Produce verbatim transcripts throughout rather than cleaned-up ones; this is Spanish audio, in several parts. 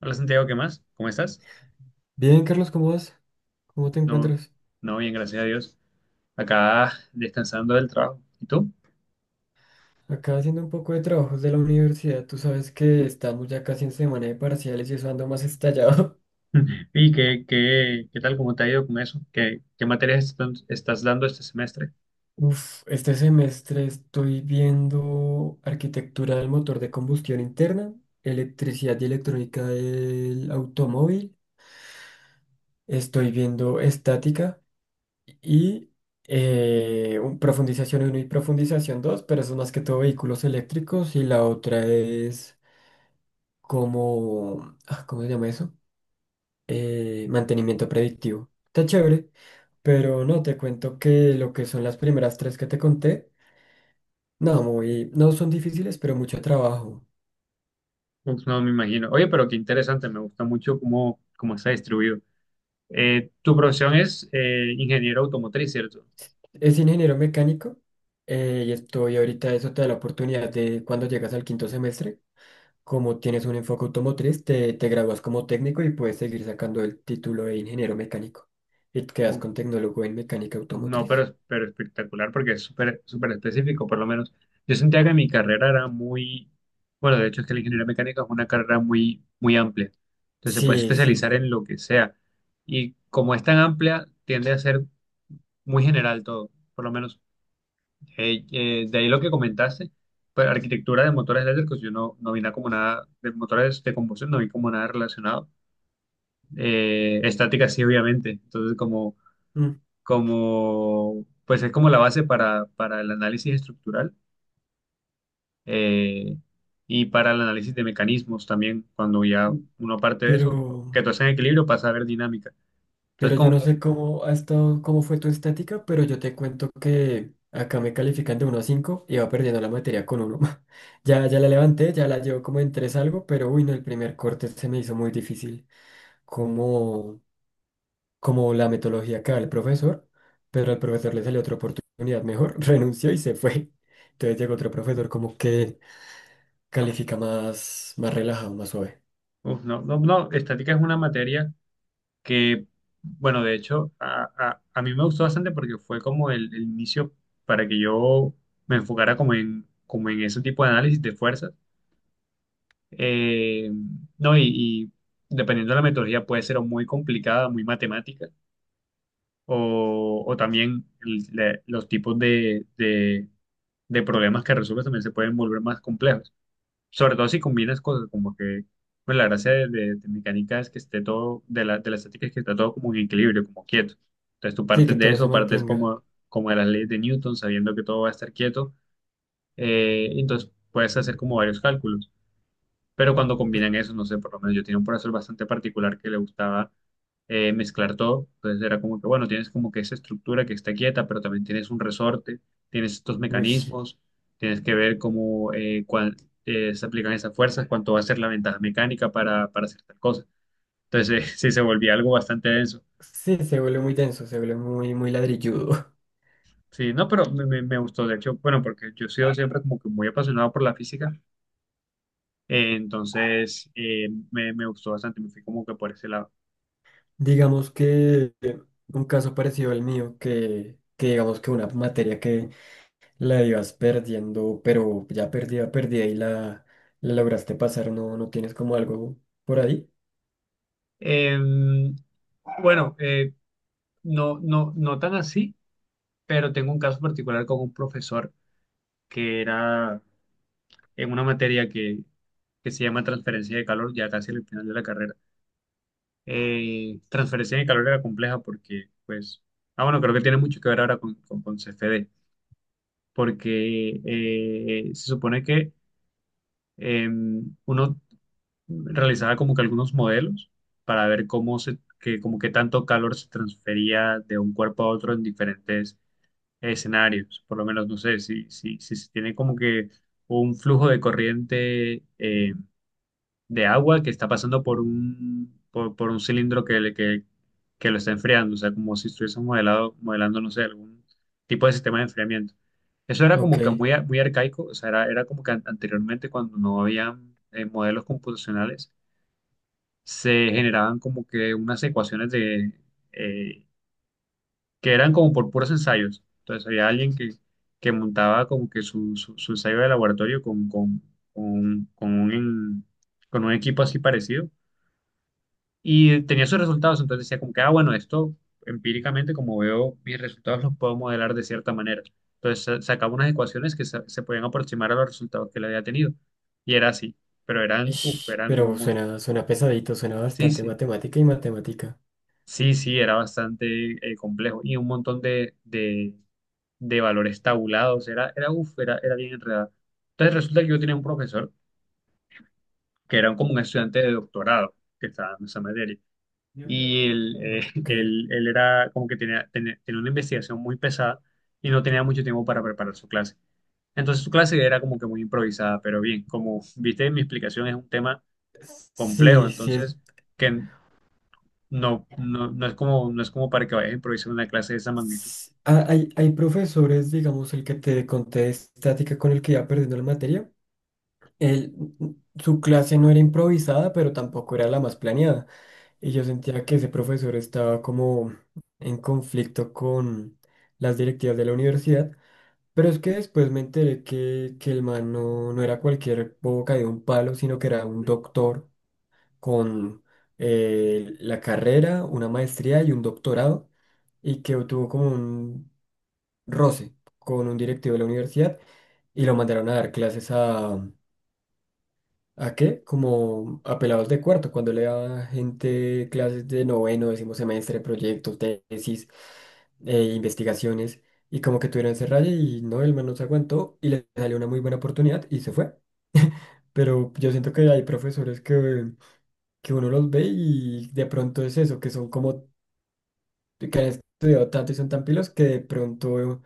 Hola Santiago, ¿qué más? ¿Cómo estás? Bien, Carlos, ¿cómo vas? ¿Cómo te No, encuentras? no, bien, gracias a Dios. Acá descansando del trabajo. ¿Y tú? Acá haciendo un poco de trabajos de la universidad. Tú sabes que estamos ya casi en semana de parciales y eso ando más estallado. ¿Y qué, qué, qué tal? ¿Cómo te ha ido con eso? ¿Qué, qué materias están- estás dando este semestre? Uf, este semestre estoy viendo arquitectura del motor de combustión interna, electricidad y electrónica del automóvil. Estoy viendo estática y eh, un- profundización uno y profundización dos, pero eso es más que todo vehículos eléctricos, y la otra es como, ah, ¿cómo se llama eso? Eh, mantenimiento predictivo. Está chévere, pero no, te cuento que lo que son las primeras tres que te conté, no, muy, no son difíciles, pero mucho trabajo. Uf, no me imagino. Oye, pero qué interesante, me gusta mucho cómo, cómo está distribuido. Eh, tu profesión es eh, ingeniero automotriz, ¿cierto? Es ingeniero mecánico, eh, y estoy ahorita, eso te da la oportunidad de cuando llegas al quinto semestre, como tienes un enfoque automotriz, te, te gradúas como técnico y puedes seguir sacando el título de ingeniero mecánico y te quedas Uf, con tecnólogo en mecánica no, automotriz. pero, pero espectacular porque es súper súper específico, por lo menos. Yo sentía que mi carrera era muy, bueno, de hecho es que la ingeniería mecánica es una carrera muy, muy amplia. Entonces se puede Sí, sí. especializar en lo que sea. Y como es tan amplia, tiende a ser muy general todo, por lo menos. Eh, eh, de ahí lo que comentaste, pues, arquitectura de motores eléctricos, yo no, no vi nada como nada, de motores de combustión, no vi como nada relacionado. Eh, estática sí, obviamente. Entonces como mm, como, pues es como la base para, para el análisis estructural eh, y para el análisis de mecanismos también, cuando ya uno parte de Pero... eso, que todo está en equilibrio, pasa a ver dinámica. Entonces, Pero yo como, no sé cómo ha estado, cómo fue tu estática, pero yo te cuento que acá me califican de uno a cinco y va perdiendo la materia con uno. Ya, ya la levanté, ya la llevo como en tres algo, pero uy, no, el primer corte se me hizo muy difícil, como, como la metodología que da el profesor, pero al profesor le salió otra oportunidad mejor, renunció y se fue. Entonces llegó otro profesor como que califica más, más relajado, más suave. uf, no, no, no, estática es una materia que, bueno, de hecho, a, a- a mí me gustó bastante porque fue como el, el inicio para que yo me enfocara como en, como en ese tipo de análisis de fuerzas. Eh, no, y y dependiendo de la metodología, puede ser o muy complicada, muy matemática o, o también el- le- los tipos de, de- de problemas que resuelves también se pueden volver más complejos. Sobre todo si combinas cosas, como que pues, la gracia de, de- de mecánica es que esté todo, de la, de la estática es que está todo como en equilibrio, como quieto. Entonces tú Sí, que partes de todo se eso, partes mantenga. como, como de las leyes de Newton, sabiendo que todo va a estar quieto, eh, entonces puedes hacer como varios cálculos. Pero cuando combinan Uy, eso, no sé, por lo menos yo tenía un profesor bastante particular que le gustaba eh, mezclar todo. Entonces era como que, bueno, tienes como que esa estructura que está quieta, pero también tienes un resorte, tienes estos uy. mecanismos, tienes que ver cómo eh, cuán- eh, se aplican esas fuerzas, cuánto va a ser la ventaja mecánica para, para hacer tal cosa. Entonces eh, sí se volvía algo bastante denso. Sí, se vuelve muy denso, se vuelve muy, muy ladrilludo. Sí, no, pero me, me- me gustó, de hecho, bueno, porque yo he sido siempre como que muy apasionado por la física, eh, entonces eh, me, me gustó bastante, me fui como que por ese lado. Digamos que eh, un caso parecido al mío, que, que digamos que una materia que la ibas perdiendo, pero ya perdida, perdida y la, la lograste pasar, no, no tienes como algo por ahí. Eh, Bueno, eh, no, no, no tan así, pero tengo un caso particular con un profesor que era en una materia que, que se llama transferencia de calor, ya casi al final de la carrera. Eh, transferencia de calor era compleja porque, pues, ah, bueno, creo que tiene mucho que ver ahora con, con, con C F D, porque eh, se supone que eh, uno realizaba como que algunos modelos para ver cómo se, que, como que tanto calor se transfería de un cuerpo a otro en diferentes escenarios, por lo menos, no sé, si, si, si se tiene como que un flujo de corriente eh, de agua que está pasando por un, por, por un cilindro que, le- que, que lo está enfriando, o sea, como si estuviésemos modelado, modelando, no sé, algún tipo de sistema de enfriamiento. Eso era como Ok. que muy, a- muy arcaico, o sea, era, era como que an- anteriormente cuando no había eh, modelos computacionales, se generaban como que unas ecuaciones de... eh, que eran como por puros ensayos. Entonces había alguien que, que montaba como que su, su, su ensayo de laboratorio con, con, con, un, con un con un equipo así parecido y tenía sus resultados. Entonces decía como que, ah, bueno, esto empíricamente, como veo mis resultados, los puedo modelar de cierta manera. Entonces sa- sacaba unas ecuaciones que se, se podían aproximar a los resultados que le había tenido. Y era así, pero eran, uff, Ish, eran como pero un montón. suena, suena pesadito, suena Sí, bastante sí. matemática y matemática. Sí, sí, era bastante eh, complejo y un montón de, de, de valores tabulados, era, era, uf, era, era bien enredada. Entonces resulta que yo tenía un profesor que era como un estudiante de doctorado que estaba dando esa materia. Y él, eh, Ok. él, él era como que tenía, tenía, tenía una investigación muy pesada y no tenía mucho tiempo para preparar su clase. Entonces su clase era como que muy improvisada, pero bien, como viste, mi explicación es un tema complejo, Sí, sí es. entonces que no, no, no es como, no es como para que vayas a improvisar una clase de esa magnitud. s- ah, Hay, hay profesores, digamos, el que te conté de estática con el que iba perdiendo la materia. Él, su clase no era improvisada, pero tampoco era la más planeada. Y yo sentía que ese profesor estaba como en conflicto con las directivas de la universidad, pero es que después me enteré que, que el man no, no era cualquier boca de un palo, sino que era un doctor con eh, la carrera, una maestría y un doctorado, y que tuvo como un roce con un directivo de la universidad y lo mandaron a dar clases. ¿A qué? Como a pelados de cuarto, cuando le da gente clases de noveno, décimo semestre, proyectos, tesis, eh, investigaciones, y como que tuvieron ese rayo y no, el man no se aguantó y le salió una muy buena oportunidad y se fue. Pero yo siento que hay profesores que, que uno los ve y de pronto es eso, que son como, que han estudiado tanto y son tan pilos que de pronto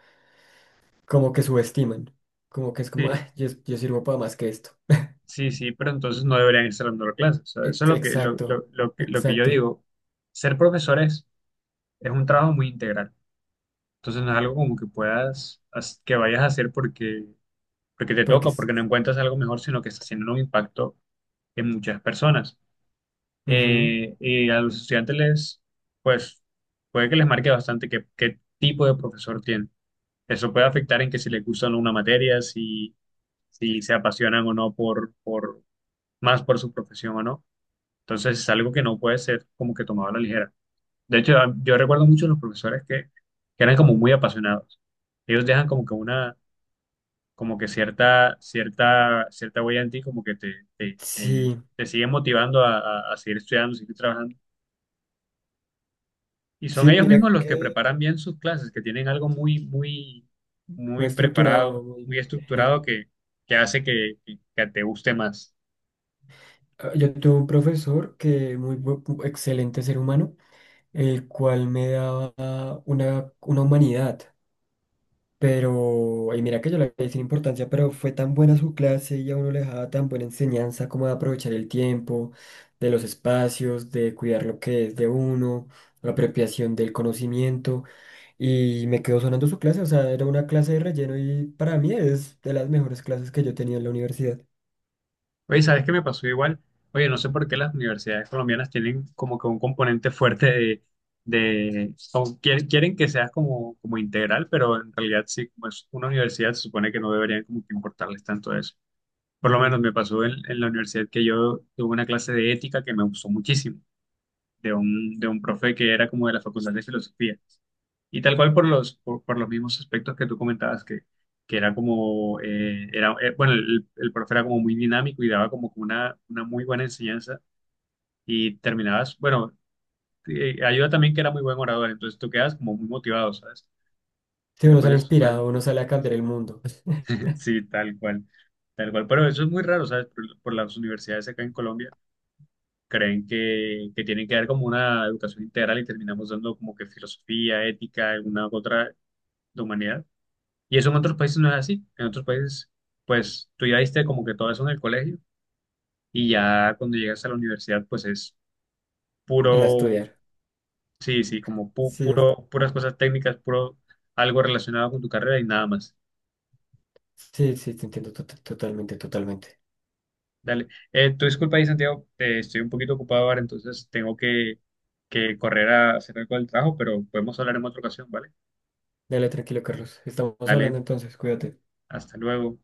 como que subestiman, como que es como, "Ay, Sí. yo, yo sirvo para más que esto". Sí, sí, pero entonces no deberían estar dando clases. O sea, eso es Ex- lo que, lo, lo- Exacto, lo que, lo que yo exacto, digo. Ser profesores es, es un trabajo muy integral. Entonces no es algo como que puedas, as- que vayas a hacer porque, porque te porque toca, porque no encuentras algo mejor, sino que está haciendo un impacto en muchas personas. Ujú. Eh, y a los estudiantes les, pues, puede que les marque bastante qué, qué tipo de profesor tienen. Eso puede afectar en que si les gusta o no una materia, si, si se apasionan o no por, por, más por su profesión o no. Entonces es algo que no puede ser como que tomado a la ligera. De hecho, a- yo recuerdo mucho los profesores que, que eran como muy apasionados. Ellos dejan como que una, como que cierta, cierta, cierta huella en ti, como que te, te, te, Sí, te siguen motivando a, a- a seguir estudiando, seguir trabajando. Y son sí, ellos mira mismos los que que preparan bien sus clases, que tienen algo muy, muy, muy muy estructurado, preparado, muy muy bien. estructurado que, que hace que, que que te guste más. Ah, yo tuve un profesor que muy bu- bu- excelente ser humano, el cual me daba una, una humanidad, pero, y mira que yo le di sin importancia, pero fue tan buena su clase y a uno le dejaba tan buena enseñanza como de aprovechar el tiempo, de los espacios, de cuidar lo que es de uno, la apropiación del conocimiento. Y me quedó sonando su clase, o sea, era una clase de relleno y para mí es de las mejores clases que yo tenía en la universidad. Oye, ¿sabes qué me pasó igual? Oye, no sé por qué las universidades colombianas tienen como que un componente fuerte de, de o quieren, quieren que seas como, como integral, pero en realidad sí, como es una universidad, se supone que no deberían como que importarles tanto eso. Por lo menos Ujú. me pasó en, en la universidad que yo tuve una clase de ética que me gustó muchísimo de un, de un profe que era como de la Facultad de Filosofía. Y tal cual por los, por, por los mismos aspectos que tú comentabas, que, que era como, eh, era, eh, bueno, el, el profe era como muy dinámico y daba como que una, una muy buena enseñanza y terminabas, bueno, eh, ayuda también que era muy buen orador, entonces tú quedas como muy motivado, ¿sabes? Sí, uno Después sale de sus clases. inspirado, uno sale a cambiar el mundo, Sí, tal cual, tal cual. Pero eso es muy raro, ¿sabes? Por, por las universidades acá en Colombia creen que, que tiene que dar como una educación integral y terminamos dando como que filosofía, ética, alguna otra de humanidad. Y eso en otros países no es así. En otros países, pues tú ya diste como que todo eso en el colegio y ya cuando llegas a la universidad, pues es a puro, estudiar. sí, sí, como pu- Sí, es- puro, puras cosas técnicas, puro algo relacionado con tu carrera y nada más. sí, sí, te entiendo to- to- totalmente, totalmente. Dale. Eh, tú disculpa ahí, Santiago, eh, estoy un poquito ocupado ahora, entonces tengo que, que correr a hacer algo del trabajo, pero podemos hablar en otra ocasión, ¿vale? Dale tranquilo, Carlos. Estamos Dale. hablando entonces, cuídate. Hasta luego.